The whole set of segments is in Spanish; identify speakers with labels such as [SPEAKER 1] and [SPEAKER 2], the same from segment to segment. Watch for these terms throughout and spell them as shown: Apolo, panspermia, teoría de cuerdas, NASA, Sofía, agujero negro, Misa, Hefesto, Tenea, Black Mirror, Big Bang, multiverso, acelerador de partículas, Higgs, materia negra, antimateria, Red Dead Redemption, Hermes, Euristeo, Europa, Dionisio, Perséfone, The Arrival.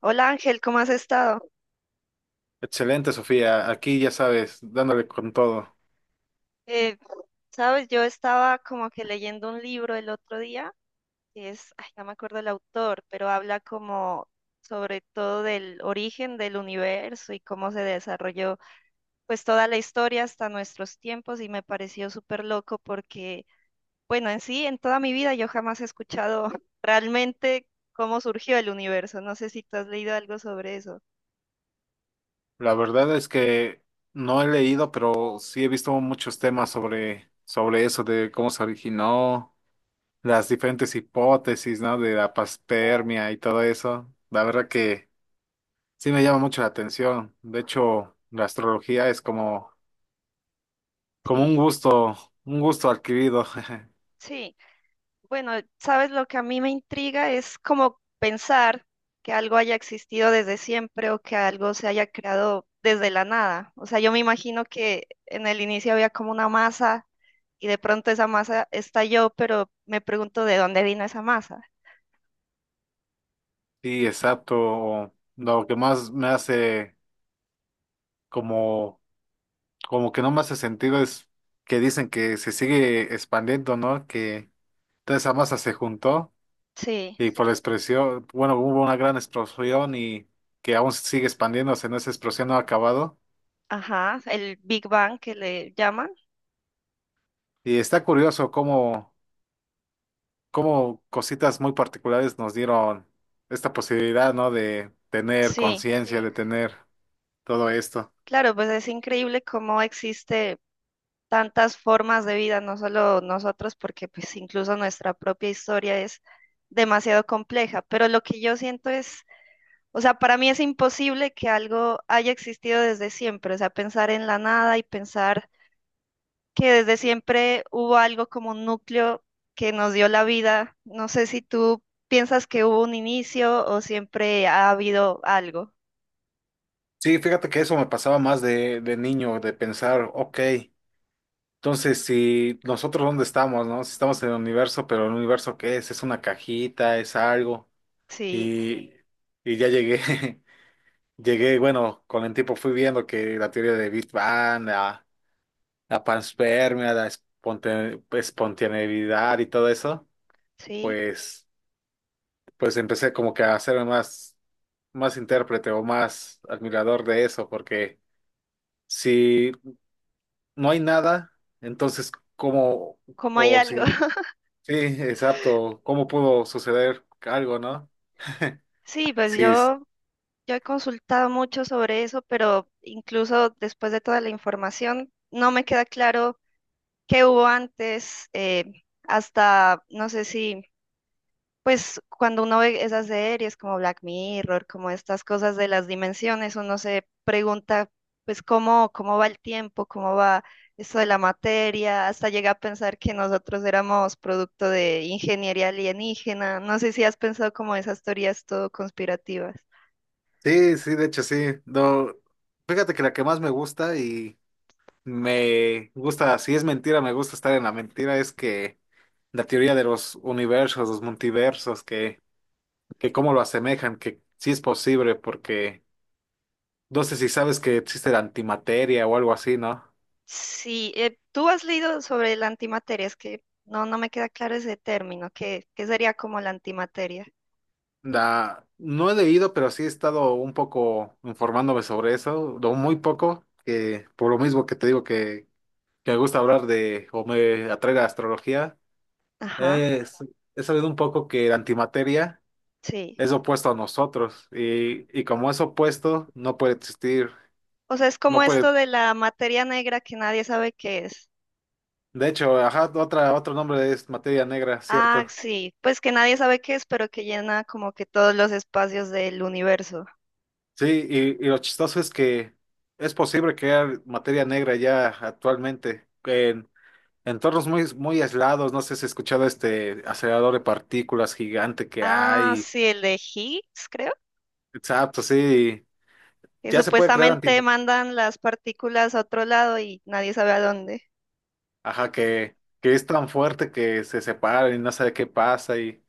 [SPEAKER 1] Hola Ángel, ¿cómo has estado?
[SPEAKER 2] Excelente, Sofía. Aquí ya sabes, dándole con todo.
[SPEAKER 1] Eh, sabes, yo estaba como que leyendo un libro el otro día, que es, ay, no me acuerdo el autor, pero habla como sobre todo del origen del universo y cómo se desarrolló pues toda la historia hasta nuestros tiempos y me pareció súper loco porque, bueno, en sí, en toda mi vida yo jamás he escuchado realmente cómo surgió el universo. No sé si tú has leído algo sobre eso.
[SPEAKER 2] La verdad es que no he leído, pero sí he visto muchos temas sobre eso, de cómo se originó, las diferentes hipótesis, ¿no? De la panspermia y todo eso. La verdad que sí me llama mucho la atención. De hecho, la astrología es como, como
[SPEAKER 1] Sí,
[SPEAKER 2] un gusto adquirido.
[SPEAKER 1] sí. Bueno, sabes, lo que a mí me intriga es como pensar que algo haya existido desde siempre o que algo se haya creado desde la nada. O sea, yo me imagino que en el inicio había como una masa y de pronto esa masa estalló, pero me pregunto de dónde vino esa masa.
[SPEAKER 2] Sí, exacto. Lo que más me hace como como que no me hace sentido es que dicen que se sigue expandiendo, ¿no? Que toda esa masa se juntó
[SPEAKER 1] Sí,
[SPEAKER 2] y por la expresión, bueno, hubo una gran explosión y que aún sigue expandiéndose, ¿no? Esa explosión no ha acabado.
[SPEAKER 1] ajá, el Big Bang que le llaman.
[SPEAKER 2] Y está curioso cómo, cómo cositas muy particulares nos dieron esta posibilidad, ¿no? De tener
[SPEAKER 1] Sí,
[SPEAKER 2] conciencia, de tener todo esto.
[SPEAKER 1] claro, pues es increíble cómo existe tantas formas de vida, no solo nosotros, porque pues incluso nuestra propia historia es demasiado compleja, pero lo que yo siento es, o sea, para mí es imposible que algo haya existido desde siempre, o sea, pensar en la nada y pensar que desde siempre hubo algo como un núcleo que nos dio la vida, no sé si tú piensas que hubo un inicio o siempre ha habido algo.
[SPEAKER 2] Sí, fíjate que eso me pasaba más de niño, de pensar, ok. Entonces, si nosotros dónde estamos, ¿no? Si estamos en el universo, pero el universo ¿qué es? Es una cajita, es algo.
[SPEAKER 1] Sí,
[SPEAKER 2] Y, y ya llegué, llegué, bueno, con el tiempo fui viendo que la teoría de Big Bang, la panspermia, la espontaneidad y todo eso,
[SPEAKER 1] sí,
[SPEAKER 2] pues, pues empecé como que a hacerme más, más intérprete o más admirador de eso, porque si no hay nada, entonces, ¿cómo?
[SPEAKER 1] como hay
[SPEAKER 2] O
[SPEAKER 1] algo.
[SPEAKER 2] si sí, exacto. ¿Cómo pudo suceder algo, no?
[SPEAKER 1] Sí, pues
[SPEAKER 2] Sí,
[SPEAKER 1] yo he consultado mucho sobre eso, pero incluso después de toda la información, no me queda claro qué hubo antes, hasta, no sé si, pues cuando uno ve esas series como Black Mirror, como estas cosas de las dimensiones, uno se pregunta, pues cómo, cómo va el tiempo, cómo va esto de la materia, hasta llega a pensar que nosotros éramos producto de ingeniería alienígena. No sé si has pensado como esas teorías todo conspirativas.
[SPEAKER 2] sí, sí, de hecho sí. No, fíjate que la que más me gusta y me gusta, si es mentira, me gusta estar en la mentira, es que la teoría de los universos, los multiversos, que cómo lo asemejan, que sí es posible, porque no sé si sabes que existe la antimateria o algo así, ¿no?
[SPEAKER 1] Sí, tú has leído sobre la antimateria, es que no me queda claro ese término, ¿qué, qué sería como la antimateria?
[SPEAKER 2] La, no he leído, pero sí he estado un poco informándome sobre eso, lo muy poco, que por lo mismo que te digo que me gusta hablar de, o me atrae la astrología,
[SPEAKER 1] Ajá,
[SPEAKER 2] es, he sabido un poco que la antimateria
[SPEAKER 1] sí.
[SPEAKER 2] es opuesto a nosotros y como es opuesto, no puede existir,
[SPEAKER 1] O sea, es como
[SPEAKER 2] no puede,
[SPEAKER 1] esto de la materia negra que nadie sabe qué es.
[SPEAKER 2] de hecho, ajá, otra, otro nombre es materia negra,
[SPEAKER 1] Ah,
[SPEAKER 2] ¿cierto?
[SPEAKER 1] sí, pues que nadie sabe qué es, pero que llena como que todos los espacios del universo.
[SPEAKER 2] Sí, y lo chistoso es que es posible crear materia negra ya actualmente en entornos muy, muy aislados, no sé si has escuchado este acelerador de partículas gigante que
[SPEAKER 1] Ah,
[SPEAKER 2] hay,
[SPEAKER 1] sí, el de Higgs, creo,
[SPEAKER 2] exacto, sí,
[SPEAKER 1] que
[SPEAKER 2] ya se puede crear
[SPEAKER 1] supuestamente
[SPEAKER 2] antimateria.
[SPEAKER 1] mandan las partículas a otro lado y nadie sabe a dónde.
[SPEAKER 2] Ajá, que es tan fuerte que se separan y no sabe qué pasa y,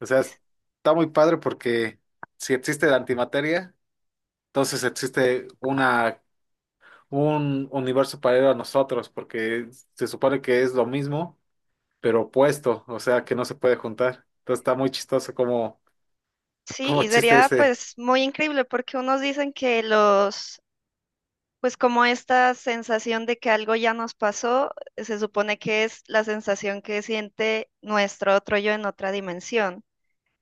[SPEAKER 2] o sea, está muy padre porque si existe la antimateria, entonces existe una, un universo paralelo a nosotros, porque se supone que es lo mismo, pero opuesto, o sea, que no se puede juntar. Entonces está muy chistoso como,
[SPEAKER 1] Sí,
[SPEAKER 2] como
[SPEAKER 1] y
[SPEAKER 2] existe
[SPEAKER 1] sería
[SPEAKER 2] ese,
[SPEAKER 1] pues muy increíble porque unos dicen que los, pues como esta sensación de que algo ya nos pasó, se supone que es la sensación que siente nuestro otro yo en otra dimensión.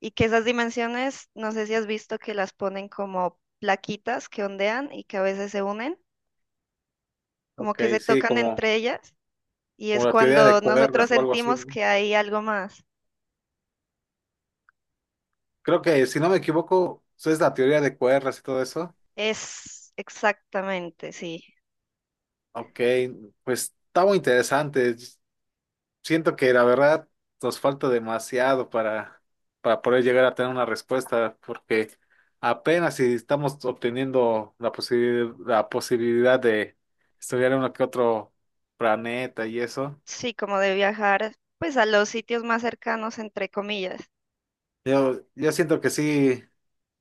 [SPEAKER 1] Y que esas dimensiones, no sé si has visto que las ponen como plaquitas que ondean y que a veces se unen, como que se
[SPEAKER 2] ok, sí,
[SPEAKER 1] tocan
[SPEAKER 2] como,
[SPEAKER 1] entre ellas y
[SPEAKER 2] como
[SPEAKER 1] es
[SPEAKER 2] la teoría
[SPEAKER 1] cuando
[SPEAKER 2] de cuerdas
[SPEAKER 1] nosotros
[SPEAKER 2] o algo así,
[SPEAKER 1] sentimos
[SPEAKER 2] ¿no?
[SPEAKER 1] que hay algo más.
[SPEAKER 2] Creo que, si no me equivoco, eso es la teoría de cuerdas y todo eso.
[SPEAKER 1] Es exactamente, sí.
[SPEAKER 2] Ok, pues está muy interesante. Siento que la verdad nos falta demasiado para poder llegar a tener una respuesta, porque apenas si estamos obteniendo la la posibilidad de estudiar uno que otro planeta y eso.
[SPEAKER 1] Sí, como de viajar, pues a los sitios más cercanos, entre comillas.
[SPEAKER 2] Yo siento que sí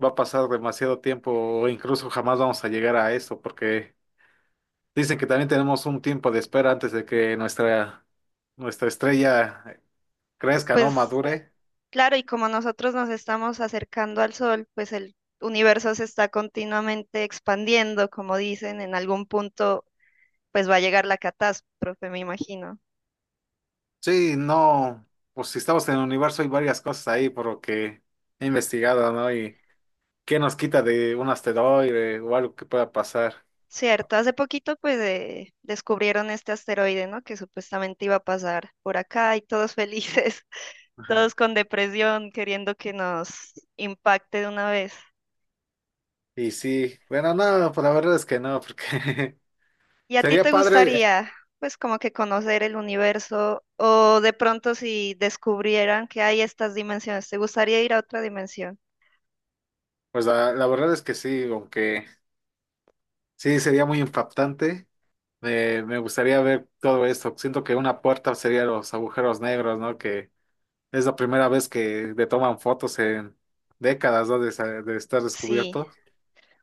[SPEAKER 2] va a pasar demasiado tiempo, o incluso jamás vamos a llegar a eso, porque dicen que también tenemos un tiempo de espera antes de que nuestra, nuestra estrella crezca, ¿no?
[SPEAKER 1] Pues
[SPEAKER 2] Madure.
[SPEAKER 1] claro, y como nosotros nos estamos acercando al sol, pues el universo se está continuamente expandiendo, como dicen, en algún punto pues va a llegar la catástrofe, me imagino.
[SPEAKER 2] Sí, no, pues si estamos en el universo hay varias cosas ahí por lo que he investigado, ¿no? Y qué nos quita de un asteroide o algo que pueda pasar.
[SPEAKER 1] Cierto, hace poquito pues descubrieron este asteroide, ¿no? Que supuestamente iba a pasar por acá y todos felices,
[SPEAKER 2] Ajá.
[SPEAKER 1] todos con depresión, queriendo que nos impacte de una vez.
[SPEAKER 2] Y sí, bueno, no, pues la verdad es que no, porque
[SPEAKER 1] ¿Y a ti
[SPEAKER 2] sería
[SPEAKER 1] te
[SPEAKER 2] padre,
[SPEAKER 1] gustaría, pues, como que conocer el universo o de pronto si descubrieran que hay estas dimensiones, te gustaría ir a otra dimensión?
[SPEAKER 2] pues la verdad es que sí, aunque sí sería muy impactante. Me gustaría ver todo esto. Siento que una puerta sería los agujeros negros, ¿no? Que es la primera vez que le toman fotos en décadas, ¿no? De, de estar
[SPEAKER 1] Sí.
[SPEAKER 2] descubierto.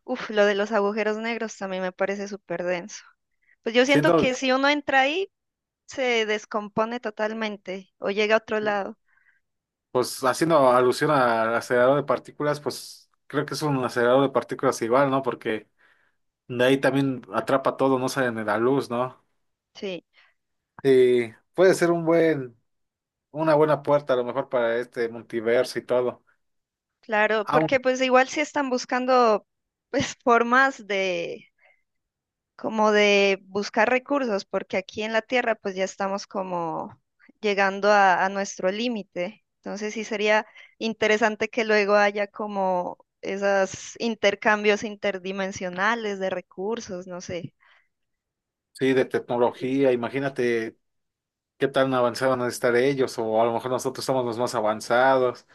[SPEAKER 1] Uf, lo de los agujeros negros también me parece súper denso. Pues yo siento
[SPEAKER 2] Siento,
[SPEAKER 1] que si uno entra ahí, se descompone totalmente o llega a otro lado.
[SPEAKER 2] pues haciendo alusión al acelerador de partículas, pues creo que es un acelerador de partículas igual, ¿no? Porque de ahí también atrapa todo, no sale ni la luz, ¿no?
[SPEAKER 1] Sí,
[SPEAKER 2] Y puede ser un buen, una buena puerta a lo mejor para este multiverso y todo.
[SPEAKER 1] claro,
[SPEAKER 2] Aún
[SPEAKER 1] porque pues igual si están buscando pues formas de como de buscar recursos, porque aquí en la Tierra pues ya estamos como llegando a nuestro límite. Entonces sí sería interesante que luego haya como esos intercambios interdimensionales de recursos, no sé.
[SPEAKER 2] sí, de tecnología, imagínate qué tan avanzados van a estar ellos, o a lo mejor nosotros somos los más avanzados.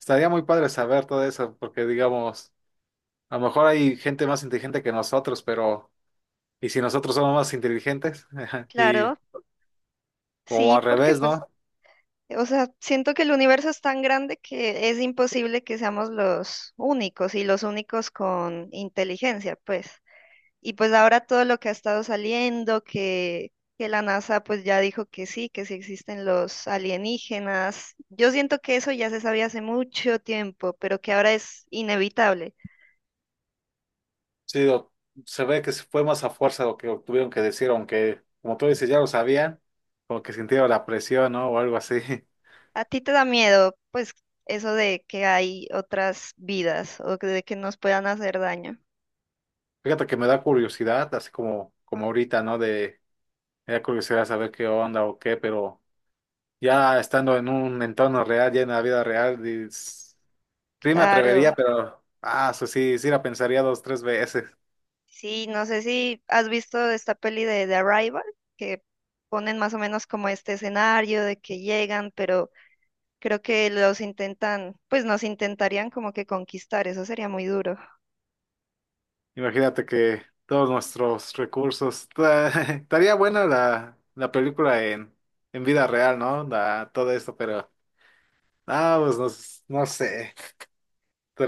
[SPEAKER 2] Estaría muy padre saber todo eso, porque digamos, a lo mejor hay gente más inteligente que nosotros, pero ¿y si nosotros somos más inteligentes? Y
[SPEAKER 1] Claro,
[SPEAKER 2] o
[SPEAKER 1] sí,
[SPEAKER 2] al
[SPEAKER 1] porque
[SPEAKER 2] revés, ¿no?
[SPEAKER 1] pues, o sea, siento que el universo es tan grande que es imposible que seamos los únicos y los únicos con inteligencia, pues. Y pues ahora todo lo que ha estado saliendo, que la NASA pues ya dijo que sí existen los alienígenas. Yo siento que eso ya se sabía hace mucho tiempo, pero que ahora es inevitable.
[SPEAKER 2] Sí, se ve que se fue más a fuerza lo que tuvieron que decir, aunque, como tú dices, ya lo sabían, como que sintieron la presión, ¿no? O algo así.
[SPEAKER 1] ¿A ti te da miedo pues eso de que hay otras vidas o que de que nos puedan hacer daño?
[SPEAKER 2] Fíjate que me da curiosidad, así como, como ahorita, ¿no? De, me da curiosidad saber qué onda o qué, pero ya estando en un entorno real, ya en la vida real, sí me atrevería,
[SPEAKER 1] Claro.
[SPEAKER 2] pero, ah, eso sí, sí la pensaría dos, tres veces.
[SPEAKER 1] Sí, no sé si has visto esta peli de The Arrival, que ponen más o menos como este escenario de que llegan, pero creo que los intentan, pues nos intentarían como que conquistar, eso sería muy duro.
[SPEAKER 2] Imagínate que todos nuestros recursos. Estaría buena la, la película en vida real, ¿no? La- todo esto, pero. Ah, pues no, no sé.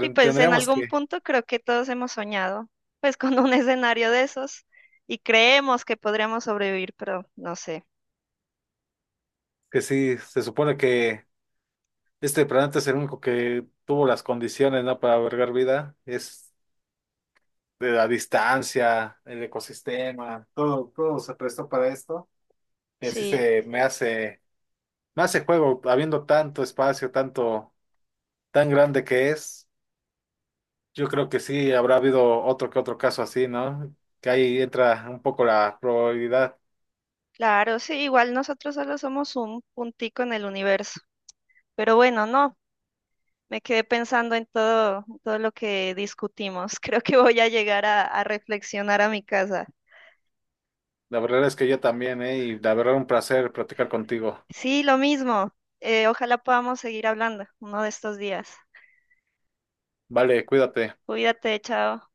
[SPEAKER 1] Y pues en
[SPEAKER 2] Tendríamos
[SPEAKER 1] algún punto creo que todos hemos soñado, pues con un escenario de esos y creemos que podríamos sobrevivir, pero no sé.
[SPEAKER 2] que sí, se supone que este planeta es el único que tuvo las condiciones, ¿no? Para albergar vida. Es de la distancia, el ecosistema, todo, todo se prestó para esto. Y así
[SPEAKER 1] Sí,
[SPEAKER 2] se me hace juego, habiendo tanto espacio, tanto, tan grande que es. Yo creo que sí, habrá habido otro que otro caso así, ¿no? Que ahí entra un poco la probabilidad.
[SPEAKER 1] claro, sí, igual nosotros solo somos un puntico en el universo. Pero bueno, no, me quedé pensando en todo lo que discutimos. Creo que voy a llegar a reflexionar a mi casa.
[SPEAKER 2] La verdad es que yo también, ¿eh? Y la verdad un placer platicar contigo.
[SPEAKER 1] Sí, lo mismo. Ojalá podamos seguir hablando uno de estos días.
[SPEAKER 2] Vale, cuídate.
[SPEAKER 1] Cuídate, chao.